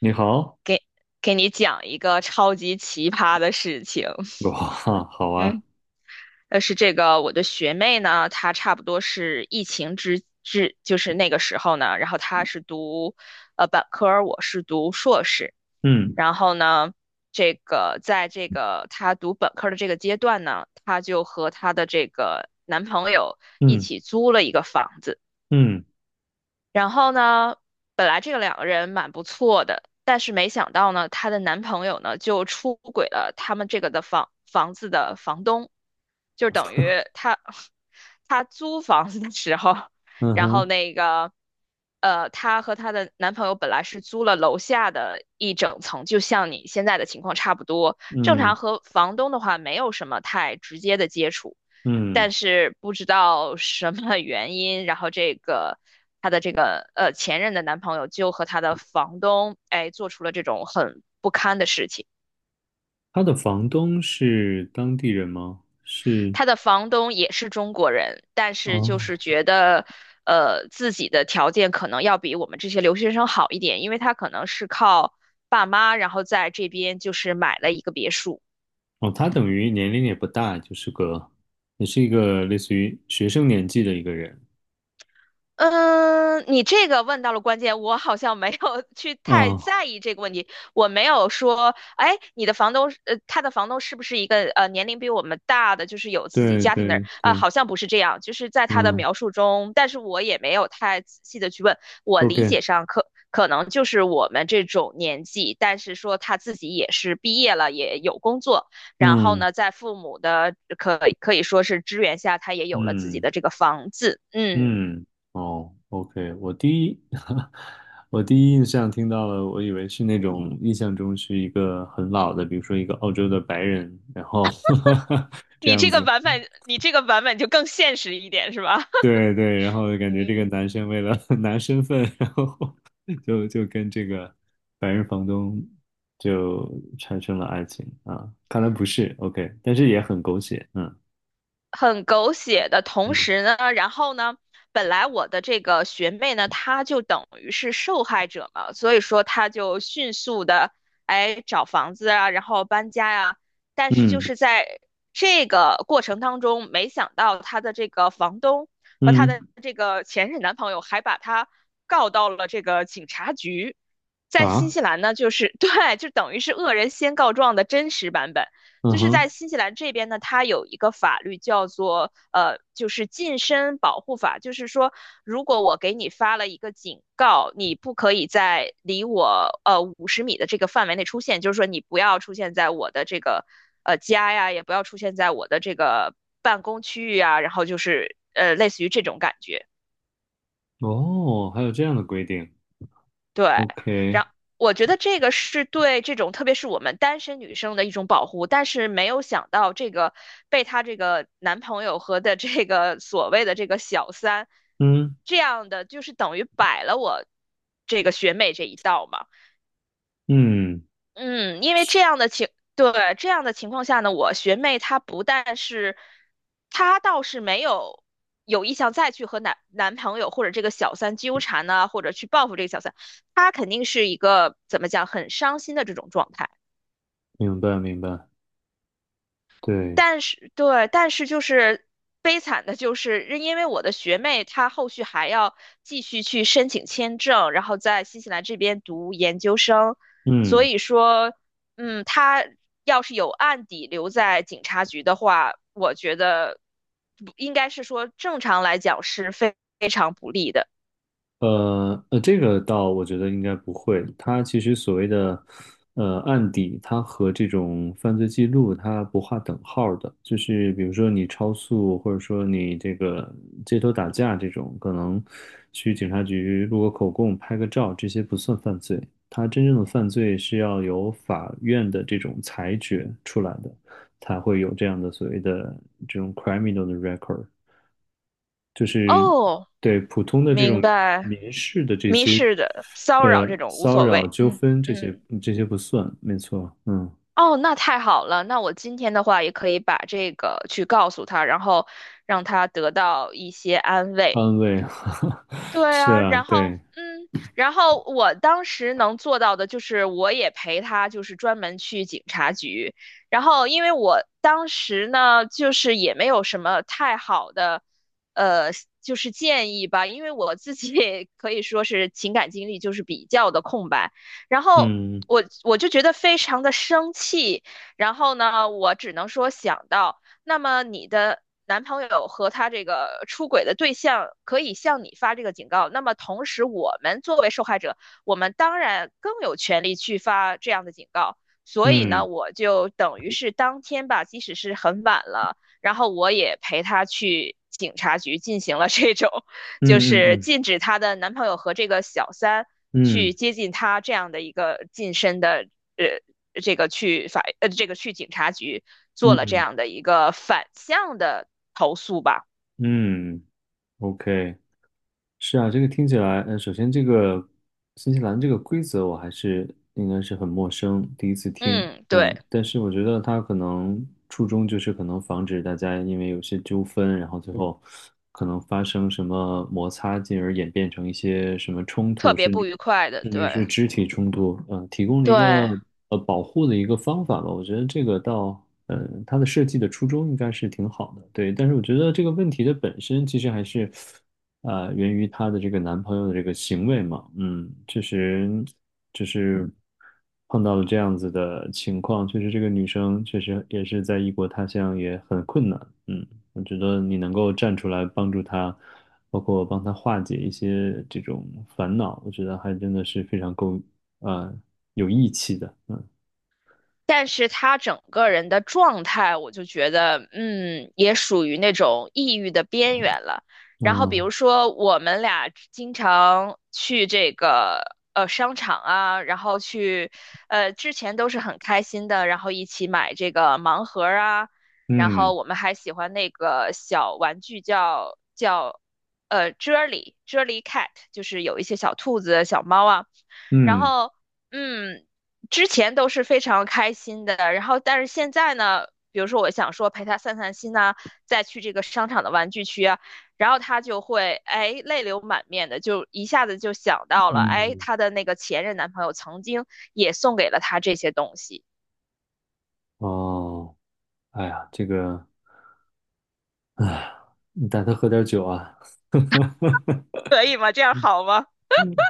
你好。给你讲一个超级奇葩的事情。哇，好啊。嗯，但是这个我的学妹呢，她差不多是疫情，就是那个时候呢，然后她是读本科，我是读硕士，嗯然后呢。这个在这个她读本科的这个阶段呢，她就和她的这个男朋友一嗯起租了一个房子。嗯然后呢，本来这个两个人蛮不错的，但是没想到呢，她的男朋友呢就出轨了他们这个的房子的房东，就等于她 她租房子的时候，嗯然后哼，那个，她和她的男朋友本来是租了楼下的一整层，就像你现在的情况差不多。正常嗯和房东的话没有什么太直接的接触，嗯。但是不知道什么原因，然后这个她的这个前任的男朋友就和她的房东哎做出了这种很不堪的事情。他的房东是当地人吗？是。她的房东也是中国人，但是哦就是觉得自己的条件可能要比我们这些留学生好一点，因为他可能是靠爸妈，然后在这边就是买了一个别墅。哦，他等于年龄也不大，就是个，也是一个类似于学生年纪的一个人。嗯，你这个问到了关键，我好像没有 去太嗯，在意这个问题。我没有说，哎，你的房东是，他的房东是不是一个年龄比我们大的，就是有自己对家庭的人？对啊、对，好像不是这样，就是在他的嗯描述中，但是我也没有太仔细的去问。我理，OK，解上可能就是我们这种年纪，但是说他自己也是毕业了，也有工作，然后嗯呢，在父母的可以说是支援下，他也有了自己嗯。的这个房子，嗯。嗯，哦，OK，我第一，我第一印象听到了，我以为是那种印象中是一个很老的，比如说一个澳洲的白人，然后 这你样这个子。版本，你这个版本就更现实一点，是吧？对对，然后感觉这个嗯，男生为了 拿身份，然后 就跟这个白人房东就产生了爱情啊，看来不是 OK，但是也很狗血。嗯很狗血的同嗯时呢，然后呢，本来我的这个学妹呢，她就等于是受害者嘛，所以说她就迅速的哎找房子啊，然后搬家呀、但是就嗯是在这个过程当中，没想到她的这个房东和她的嗯这个前任男朋友还把她告到了这个警察局。在新啊，西兰呢，就是 对，就等于是恶人先告状的真实版本。就嗯是在哼。新西兰这边呢，它有一个法律叫做，就是近身保护法，就是说，如果我给你发了一个警告，你不可以在离我50米的这个范围内出现，就是说你不要出现在我的这个家呀，也不要出现在我的这个办公区域啊，然后就是类似于这种感觉。哦，还有这样的规定。对，OK。然我觉得这个是对这种特别是我们单身女生的一种保护，但是没有想到这个被她这个男朋友和的这个所谓的这个小三，嗯这样的就是等于摆了我这个学妹这一道嘛。嗯。嗯，因为这样的情，对，这样的情况下呢，我学妹她不但是，她倒是没有有意向再去和男朋友或者这个小三纠缠呢、或者去报复这个小三，她肯定是一个怎么讲很伤心的这种状态。明白明白，对。但是对，但是就是悲惨的就是，因为我的学妹她后续还要继续去申请签证，然后在新西兰这边读研究生，所嗯。以说，嗯，她要是有案底留在警察局的话，我觉得不应该是说正常来讲是非常不利的。这个倒我觉得应该不会。它其实所谓的案底，它和这种犯罪记录它不划等号儿的。就是比如说你超速，或者说你这个街头打架这种，可能去警察局录个口供、拍个照，这些不算犯罪。它真正的犯罪是要由法院的这种裁决出来的，才会有这样的所谓的这种 criminal 的 record。就是哦，对普通的这明种白，民事的这民些事的骚扰这种无骚所扰谓，纠嗯纷这些嗯。这些不算，没错。嗯。哦，那太好了。那我今天的话也可以把这个去告诉他，然后让他得到一些安慰。安慰，对是啊，啊，然后对。嗯，然后我当时能做到的就是，我也陪他，就是专门去警察局。然后因为我当时呢，就是也没有什么太好的，呃，就是建议吧，因为我自己也可以说是情感经历就是比较的空白。然后嗯我就觉得非常的生气，然后呢，我只能说想到。那么你的男朋友和他这个出轨的对象可以向你发这个警告，那么同时我们作为受害者，我们当然更有权利去发这样的警告。所以呢，嗯我就等于是当天吧，即使是很晚了，然后我也陪他去警察局进行了这种就嗯是嗯禁止她的男朋友和这个小三嗯去嗯接近她这样的一个近身的呃这个去法呃这个去警察局做了这嗯样的一个反向的投诉吧。嗯，OK。是啊，这个听起来，嗯，首先这个新西兰这个规则我还是应该是很陌生，第一次听。嗯，对，嗯，但是我觉得它可能初衷就是可能防止大家因为有些纠纷，然后最后可能发生什么摩擦，进而演变成一些什么冲特突，别甚不至愉快的，甚对至是肢体冲突，嗯，提供了一对。个保护的一个方法吧。我觉得这个倒，嗯，它的设计的初衷应该是挺好的，对。但是我觉得这个问题的本身其实还是。源于她的这个男朋友的这个行为嘛，嗯，确实就是碰到了这样子的情况，确实这个女生确实也是在异国他乡也很困难。嗯，我觉得你能够站出来帮助她，包括帮她化解一些这种烦恼，我觉得还真的是非常够啊、呃有义气的。嗯但是他整个人的状态，我就觉得，也属于那种抑郁的边缘了。然后比啊如说，我们俩经常去这个商场啊，然后去之前都是很开心的，然后一起买这个盲盒儿啊，然后嗯我们还喜欢那个小玩具叫 Jelly Jelly Cat,就是有一些小兔子、小猫啊。然嗯后，嗯，之前都是非常开心的，然后但是现在呢，比如说我想说陪他散散心呐、再去这个商场的玩具区啊，然后他就会哎泪流满面的，就一下子就想到了，哎，嗯他的那个前任男朋友曾经也送给了他这些东西，哦，哎呀，这个，哎，你带她喝点酒啊。可以吗？这样 好吗？嗯，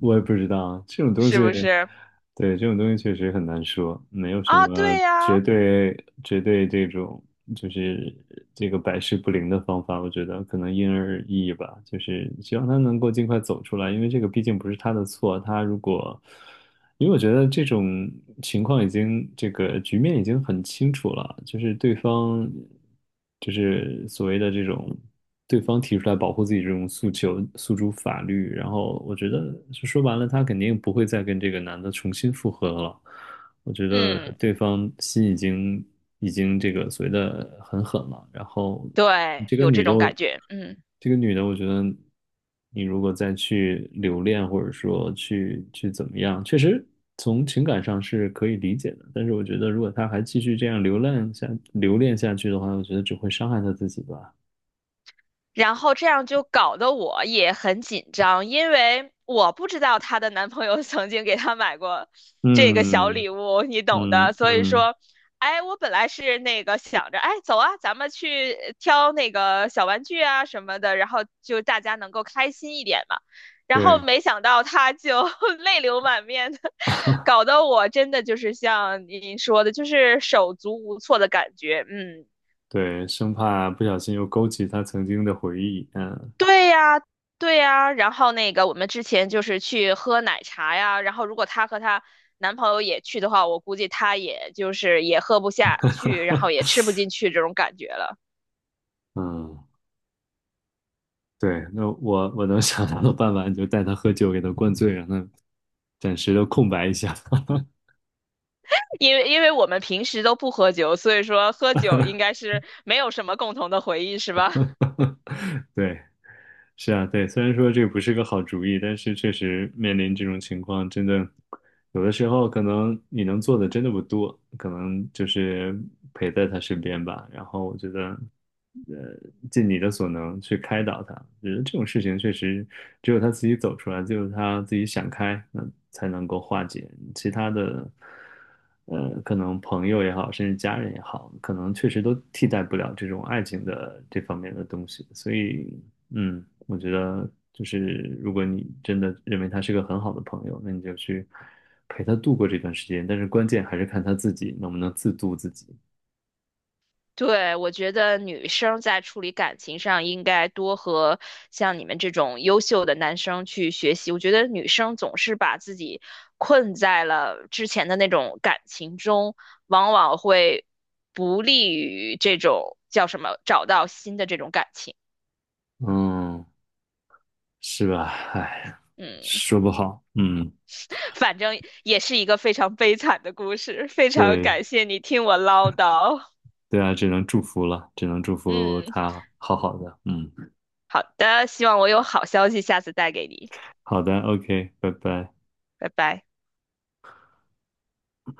我也不知道这种东是西。不是？对，这种东西确实很难说，没有什啊，么对呀，绝对绝对这种就是这个百试不灵的方法，我觉得可能因人而异吧。就是希望他能够尽快走出来，因为这个毕竟不是他的错，他如果因为我觉得这种情况已经，这个局面已经很清楚了，就是对方，就是所谓的这种，对方提出来保护自己这种诉求，诉诸法律，然后我觉得就说白了，他肯定不会再跟这个男的重新复合了。我觉得嗯，对方心已经已经这个所谓的很狠了。然后对，这个有这女的种感我。觉，嗯。这个女的，我觉得你如果再去留恋，或者说去怎么样，确实从情感上是可以理解的。但是我觉得，如果她还继续这样留恋下去的话，我觉得只会伤害她自己吧。然后这样就搞得我也很紧张，因为我不知道她的男朋友 曾经给她买过这个小嗯礼物，你懂的。嗯所以嗯，说，哎，我本来是那个想着，哎，走啊，咱们去挑那个小玩具啊什么的，然后就大家能够开心一点嘛。然后对没想到她就 泪流满面的，搞得我真的就是像您说的，就是手足无措的感觉。嗯，对，生怕不小心又勾起她曾经的回忆。嗯对呀，对呀，然后那个我们之前就是去喝奶茶呀，然后如果她和她男朋友也去的话，我估计她也就是也喝不下去，然后也吃不进去这种感觉了。嗯，对，那我能想到的办法，你就带她喝酒，给她灌醉，让她暂时的空白一下。因为我们平时都不喝酒，所以说喝酒应该是没有什么共同的回忆，是吧？对。是啊，对，虽然说这个不是个好主意，但是确实面临这种情况，真的有的时候可能你能做的真的不多，可能就是陪在他身边吧。然后我觉得，呃，尽你的所能去开导他。我觉得这种事情确实只有他自己走出来，只有他自己想开，那才能够化解。其他的，可能朋友也好，甚至家人也好，可能确实都替代不了这种爱情的这方面的东西。所以嗯，我觉得就是如果你真的认为他是个很好的朋友，那你就去陪他度过这段时间。但是关键还是看他自己能不能自度自己。对，我觉得女生在处理感情上应该多和像你们这种优秀的男生去学习。我觉得女生总是把自己困在了之前的那种感情中，往往会不利于这种叫什么找到新的这种感情。嗯，是吧？哎，嗯，说不好。嗯，反正也是一个非常悲惨的故事。非常对，感谢你听我唠叨。对啊，只能祝福了，只能祝福嗯，他好好的。嗯，好的，希望我有好消息下次带给你。好的，OK,拜拜。拜拜。